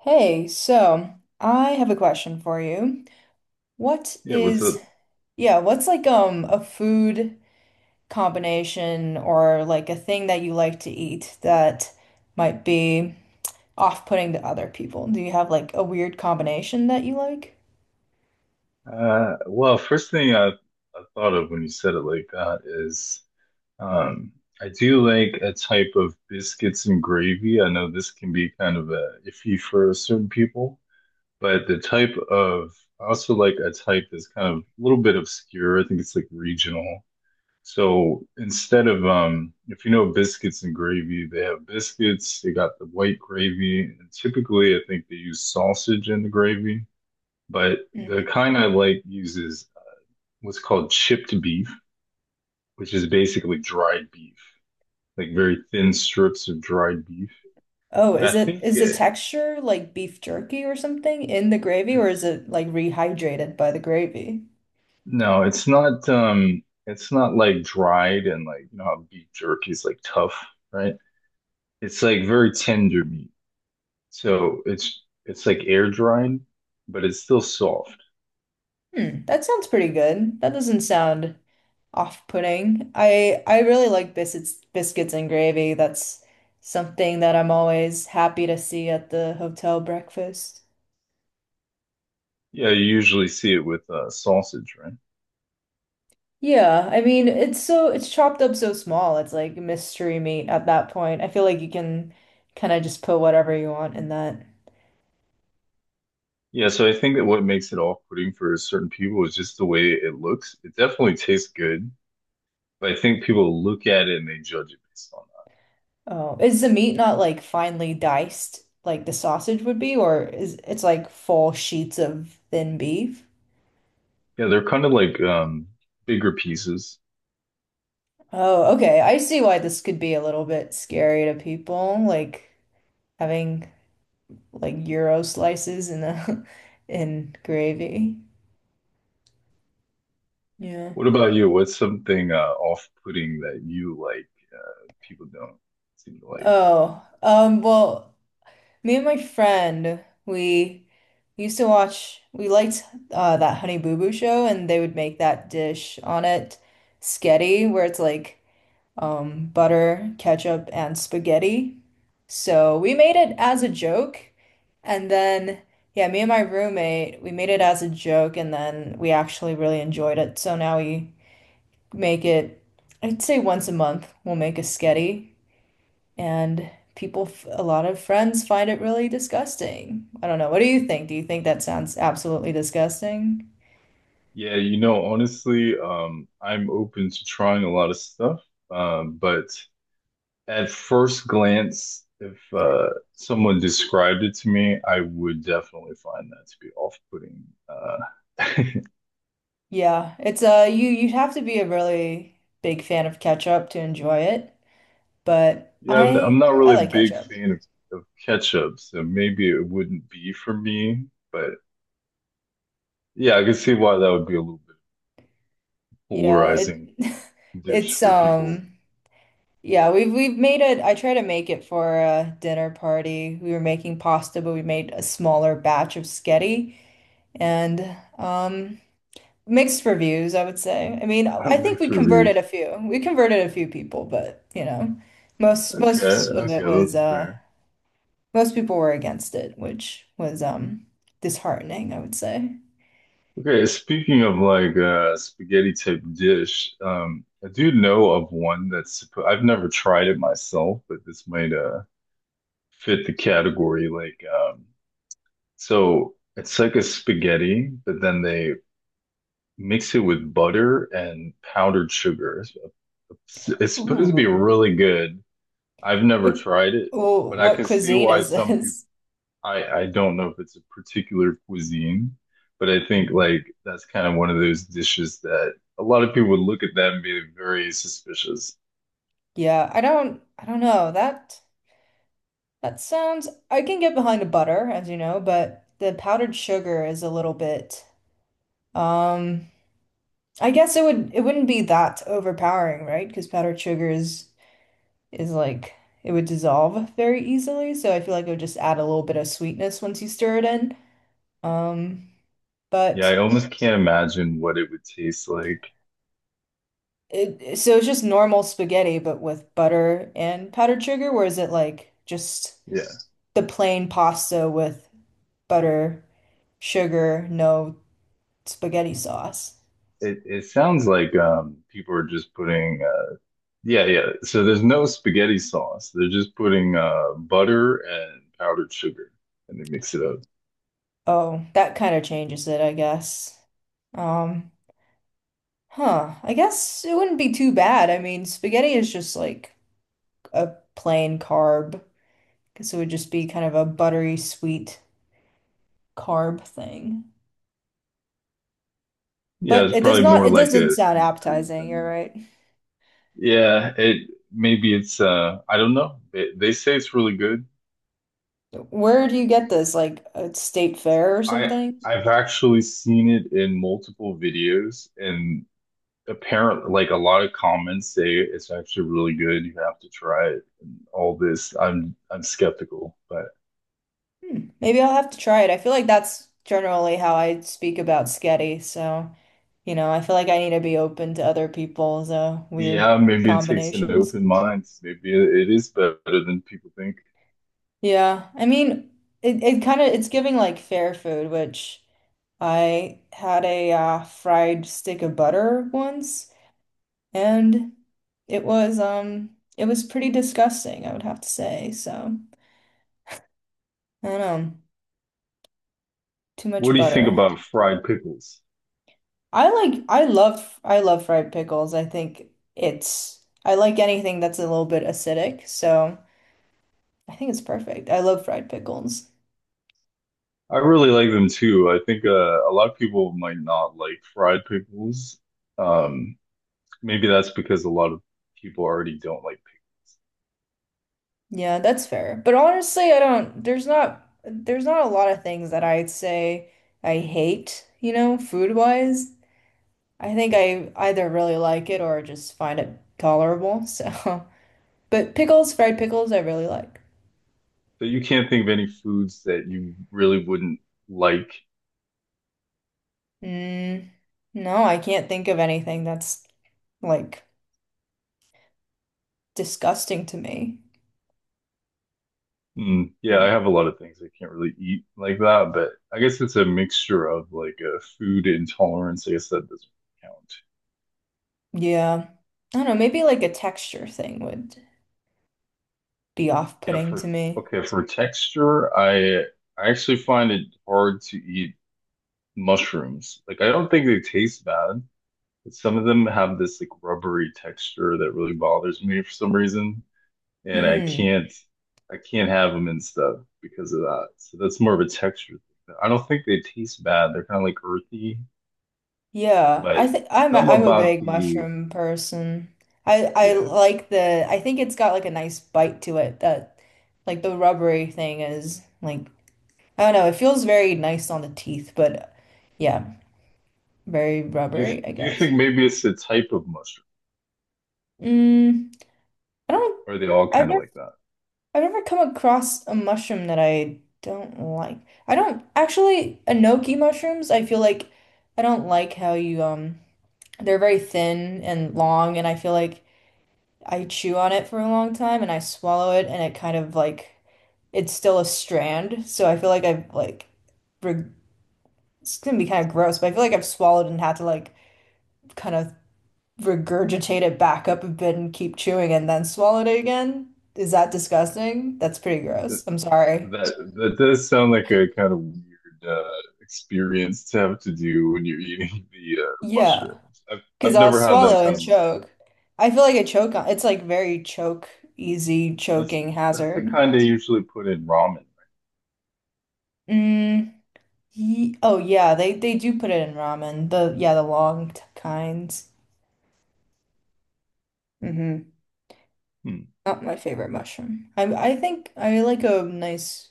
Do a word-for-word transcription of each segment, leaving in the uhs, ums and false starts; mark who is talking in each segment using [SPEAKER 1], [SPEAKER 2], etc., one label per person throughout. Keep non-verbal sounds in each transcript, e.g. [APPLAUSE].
[SPEAKER 1] Hey, so I have a question for you. What
[SPEAKER 2] Yeah, what's it?
[SPEAKER 1] is, yeah, what's like um a food combination or like a thing that you like to eat that might be off-putting to other people? Do you have like a weird combination that you like?
[SPEAKER 2] Uh, well, first thing I, I thought of when you said it like that is um, I do like a type of biscuits and gravy. I know this can be kind of a iffy for certain people, but the type of I also like a type that's kind of a little bit obscure. I think it's like regional. So instead of um, if you know biscuits and gravy, they have biscuits. They got the white gravy, and typically I think they use sausage in the gravy. But the
[SPEAKER 1] Mhm.
[SPEAKER 2] kind I like uses what's called chipped beef, which is basically dried beef, like very thin strips of dried beef.
[SPEAKER 1] Oh,
[SPEAKER 2] And
[SPEAKER 1] is
[SPEAKER 2] I
[SPEAKER 1] it
[SPEAKER 2] think
[SPEAKER 1] is the
[SPEAKER 2] it,
[SPEAKER 1] texture like beef jerky or something in the gravy, or is
[SPEAKER 2] it's
[SPEAKER 1] it like rehydrated by the gravy?
[SPEAKER 2] no, it's not um it's not like dried and like you know how beef jerky is like tough, right? It's like very tender meat. So it's it's like air dried, but it's still soft.
[SPEAKER 1] Hmm, that sounds pretty good. That doesn't sound off-putting. I I really like biscuits biscuits and gravy. That's something that I'm always happy to see at the hotel breakfast.
[SPEAKER 2] Yeah, you usually see it with uh, sausage, right?
[SPEAKER 1] Yeah, I mean it's so it's chopped up so small. It's like mystery meat at that point. I feel like you can kind of just put whatever you want in that.
[SPEAKER 2] Yeah, so I think that what makes it off-putting for certain people is just the way it looks. It definitely tastes good, but I think people look at it and they judge it based on
[SPEAKER 1] Oh, is the meat not like finely diced like the sausage would be, or is it's like full sheets of thin beef?
[SPEAKER 2] that. Yeah, they're kind of like um bigger pieces.
[SPEAKER 1] Oh, okay. I see why this could be a little bit scary to people, like having like gyro slices in a [LAUGHS] in gravy. Yeah.
[SPEAKER 2] What about you? What's something uh off-putting that you like people don't seem to like?
[SPEAKER 1] Oh, um, well, me and my friend, we used to watch, we liked uh that Honey Boo Boo show, and they would make that dish on it, sketty, where it's like um butter, ketchup, and spaghetti. So we made it as a joke and then yeah, me and my roommate, we made it as a joke and then we actually really enjoyed it. So now we make it, I'd say once a month, we'll make a sketty, and people, f- a lot of friends find it really disgusting. I don't know. What do you think? Do you think that sounds absolutely disgusting?
[SPEAKER 2] Yeah, you know, honestly, um I'm open to trying a lot of stuff, um, but at first glance, if uh, someone described it to me, I would definitely find that to be off-putting. Uh,
[SPEAKER 1] Yeah, it's uh you you'd have to be a really big fan of ketchup to enjoy it, but
[SPEAKER 2] [LAUGHS] yeah, I'm, I'm
[SPEAKER 1] I
[SPEAKER 2] not
[SPEAKER 1] I
[SPEAKER 2] really a
[SPEAKER 1] like
[SPEAKER 2] big
[SPEAKER 1] ketchup.
[SPEAKER 2] fan of, of ketchup, so maybe it wouldn't be for me. But yeah, I could see why that would be a little bit
[SPEAKER 1] Yeah, it
[SPEAKER 2] polarizing
[SPEAKER 1] [LAUGHS]
[SPEAKER 2] dish
[SPEAKER 1] it's
[SPEAKER 2] for people.
[SPEAKER 1] um yeah, we've we've made it. I try to make it for a dinner party. We were making pasta, but we made a smaller batch of sketty, and um, mixed reviews, I would say. I mean, I
[SPEAKER 2] [LAUGHS]
[SPEAKER 1] think we
[SPEAKER 2] Mixed
[SPEAKER 1] converted
[SPEAKER 2] reviews.
[SPEAKER 1] a few. We converted a few people, but you know, most
[SPEAKER 2] Okay,
[SPEAKER 1] most of it
[SPEAKER 2] okay,
[SPEAKER 1] was
[SPEAKER 2] that's
[SPEAKER 1] uh,
[SPEAKER 2] fair.
[SPEAKER 1] most people were against it, which was um, disheartening, I would say.
[SPEAKER 2] Okay, speaking of like uh spaghetti type dish, um I do know of one that's suppo- I've never tried it myself, but this might uh fit the category like um so it's like a spaghetti, but then they mix it with butter and powdered sugar. It's supposed to be
[SPEAKER 1] Ooh,
[SPEAKER 2] really good. I've never
[SPEAKER 1] what
[SPEAKER 2] tried it,
[SPEAKER 1] oh,
[SPEAKER 2] but I
[SPEAKER 1] what
[SPEAKER 2] can see
[SPEAKER 1] cuisine
[SPEAKER 2] why
[SPEAKER 1] is
[SPEAKER 2] some
[SPEAKER 1] this?
[SPEAKER 2] I I don't know if it's a particular cuisine, but I think
[SPEAKER 1] Mhm.
[SPEAKER 2] like that's kind of one of those dishes that a lot of people would look at that and be very suspicious.
[SPEAKER 1] Yeah, I don't I don't know. That that sounds I can get behind a butter, as you know, but the powdered sugar is a little bit um I guess it would it wouldn't be that overpowering, right? Because powdered sugar is is like it would dissolve very easily, so I feel like it would just add a little bit of sweetness once you stir it in. Um,
[SPEAKER 2] Yeah,
[SPEAKER 1] but
[SPEAKER 2] I almost can't imagine what it would taste like.
[SPEAKER 1] it so it's just normal spaghetti, but with butter and powdered sugar, or is it like just
[SPEAKER 2] Yeah,
[SPEAKER 1] the plain pasta with butter, sugar, no spaghetti sauce?
[SPEAKER 2] it it sounds like um people are just putting uh yeah yeah. So there's no spaghetti sauce. They're just putting uh butter and powdered sugar and they mix it up.
[SPEAKER 1] Oh, that kind of changes it, I guess. Um, Huh. I guess it wouldn't be too bad. I mean, spaghetti is just like a plain carb. Guess it would just be kind of a buttery sweet carb thing.
[SPEAKER 2] Yeah,
[SPEAKER 1] But
[SPEAKER 2] it's
[SPEAKER 1] it does
[SPEAKER 2] probably
[SPEAKER 1] not,
[SPEAKER 2] more
[SPEAKER 1] it
[SPEAKER 2] like
[SPEAKER 1] doesn't
[SPEAKER 2] a
[SPEAKER 1] sound
[SPEAKER 2] sweet treat
[SPEAKER 1] appetizing, you're
[SPEAKER 2] than.
[SPEAKER 1] right.
[SPEAKER 2] Yeah, it maybe it's uh I don't know. They they say it's really good. I'm
[SPEAKER 1] Where
[SPEAKER 2] not
[SPEAKER 1] do you
[SPEAKER 2] sure.
[SPEAKER 1] get this? Like a state fair or
[SPEAKER 2] I
[SPEAKER 1] something?
[SPEAKER 2] I've actually seen it in multiple videos and apparently like a lot of comments say it's actually really good. You have to try it and all this. I'm I'm skeptical, but
[SPEAKER 1] Hmm. Maybe I'll have to try it. I feel like that's generally how I speak about sketty, so you know, I feel like I need to be open to other people's uh, weird
[SPEAKER 2] yeah, maybe it takes an
[SPEAKER 1] combinations.
[SPEAKER 2] open mind. Maybe it, it is better than people think.
[SPEAKER 1] Yeah, I mean, it, it kind of it's giving like fair food, which I had a uh, fried stick of butter once, and it was um it was pretty disgusting, I would have to say. So I don't know, too
[SPEAKER 2] What
[SPEAKER 1] much
[SPEAKER 2] do you think
[SPEAKER 1] butter.
[SPEAKER 2] about fried pickles?
[SPEAKER 1] I like I love I love fried pickles. I think it's I like anything that's a little bit acidic, so I think it's perfect. I love fried pickles.
[SPEAKER 2] I really like them too. I think uh, a lot of people might not like fried pickles. Um, maybe that's because a lot of people already don't like pickles.
[SPEAKER 1] Yeah, that's fair. But honestly, I don't, there's not there's not a lot of things that I'd say I hate, you know, food-wise. I think I either really like it or just find it tolerable. So, [LAUGHS] but pickles, fried pickles, I really like.
[SPEAKER 2] But you can't think of any foods that you really wouldn't like.
[SPEAKER 1] Mm, no, I can't think of anything that's like disgusting to me.
[SPEAKER 2] Mm, yeah, I
[SPEAKER 1] Mm,
[SPEAKER 2] have a lot of things I can't really eat like that, but I guess it's a mixture of like a food intolerance. I guess that doesn't count.
[SPEAKER 1] yeah. I don't know, maybe like a texture thing would be
[SPEAKER 2] Yeah,
[SPEAKER 1] off-putting to
[SPEAKER 2] for
[SPEAKER 1] me.
[SPEAKER 2] okay, for texture, I I actually find it hard to eat mushrooms. Like I don't think they taste bad. Some of them have this like rubbery texture that really bothers me for some reason, and I
[SPEAKER 1] Mm.
[SPEAKER 2] can't I can't have them and stuff because of that. So that's more of a texture thing. I don't think they taste bad. They're kind of like earthy,
[SPEAKER 1] Yeah, I
[SPEAKER 2] but
[SPEAKER 1] think I'm a,
[SPEAKER 2] something
[SPEAKER 1] I'm a
[SPEAKER 2] about
[SPEAKER 1] big
[SPEAKER 2] the
[SPEAKER 1] mushroom person. I I
[SPEAKER 2] yeah.
[SPEAKER 1] like the I think it's got like a nice bite to it that like the rubbery thing is like I don't know, it feels very nice on the teeth, but yeah, very
[SPEAKER 2] Do you
[SPEAKER 1] rubbery, I
[SPEAKER 2] do you
[SPEAKER 1] guess.
[SPEAKER 2] think maybe it's the type of mushroom?
[SPEAKER 1] Mm, I don't
[SPEAKER 2] Or are they all
[SPEAKER 1] I've
[SPEAKER 2] kind of
[SPEAKER 1] never
[SPEAKER 2] like that?
[SPEAKER 1] I've never come across a mushroom that I don't like. I don't actually enoki mushrooms, I feel like I don't like how you um they're very thin and long, and I feel like I chew on it for a long time and I swallow it and it kind of like it's still a strand. So I feel like I've like reg it's gonna be kind of gross, but I feel like I've swallowed and had to like kind of regurgitate it back up a bit and keep chewing and then swallowed it again. Is that disgusting? That's pretty
[SPEAKER 2] That
[SPEAKER 1] gross. I'm sorry.
[SPEAKER 2] that, that does sound like a kind of weird uh, experience to have to do when you're eating [LAUGHS] the uh,
[SPEAKER 1] Yeah,
[SPEAKER 2] mushrooms. I've
[SPEAKER 1] because
[SPEAKER 2] I've
[SPEAKER 1] I'll
[SPEAKER 2] never had that
[SPEAKER 1] swallow
[SPEAKER 2] kind
[SPEAKER 1] and
[SPEAKER 2] of mushroom.
[SPEAKER 1] choke. I feel like I choke on it's like very choke easy
[SPEAKER 2] That's
[SPEAKER 1] choking
[SPEAKER 2] that's the
[SPEAKER 1] hazard.
[SPEAKER 2] kind they usually put in ramen.
[SPEAKER 1] Mm, Ye oh yeah, they they do put it in ramen. The Yeah, the long t- kinds. Hmm.
[SPEAKER 2] Hmm.
[SPEAKER 1] Not my favorite mushroom. I I think I like a nice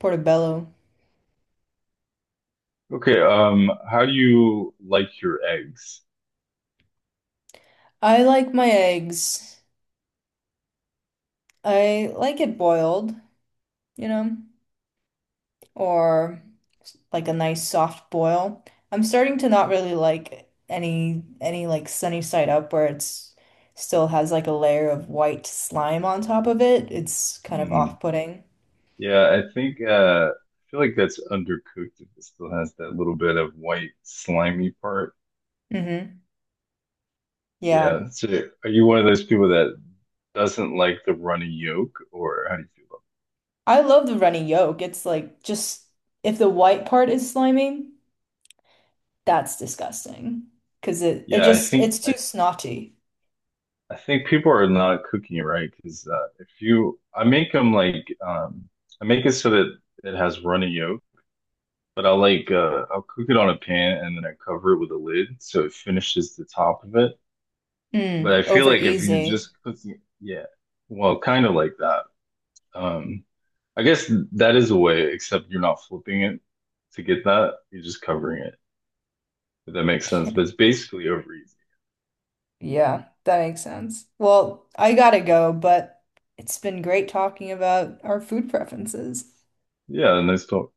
[SPEAKER 1] portobello.
[SPEAKER 2] Okay, um, how do you like your eggs?
[SPEAKER 1] I like my eggs. I like it boiled, you know, or like a nice soft boil. I'm starting to not really like any any like sunny side up where it's still has like a layer of white slime on top of it. It's kind of
[SPEAKER 2] Hmm.
[SPEAKER 1] off-putting.
[SPEAKER 2] Yeah, I think uh, I feel like that's undercooked if it still has that little bit of white slimy part.
[SPEAKER 1] Hmm.
[SPEAKER 2] Yeah,
[SPEAKER 1] Yeah.
[SPEAKER 2] that's it. Are you one of those people that doesn't like the runny yolk, or how do you feel about
[SPEAKER 1] I love the runny yolk. It's like just if the white part is slimy, that's disgusting. Cause it
[SPEAKER 2] it?
[SPEAKER 1] it
[SPEAKER 2] Yeah, I
[SPEAKER 1] just
[SPEAKER 2] think
[SPEAKER 1] it's
[SPEAKER 2] I,
[SPEAKER 1] too
[SPEAKER 2] th-
[SPEAKER 1] snotty.
[SPEAKER 2] I think people are not cooking it right because uh, if you, I make them like um, I make it so that it has runny yolk. But I'll like uh I'll cook it on a pan and then I cover it with a lid so it finishes the top of it. But I
[SPEAKER 1] Mm,
[SPEAKER 2] feel
[SPEAKER 1] over
[SPEAKER 2] like if you're
[SPEAKER 1] easy.
[SPEAKER 2] just cooking, yeah, well, kind of like that. Um, I guess that is a way, except you're not flipping it to get that. You're just covering it, if that makes sense. But it's
[SPEAKER 1] [LAUGHS]
[SPEAKER 2] basically over easy.
[SPEAKER 1] Yeah, that makes sense. Well, I gotta go, but it's been great talking about our food preferences.
[SPEAKER 2] Yeah, nice talk.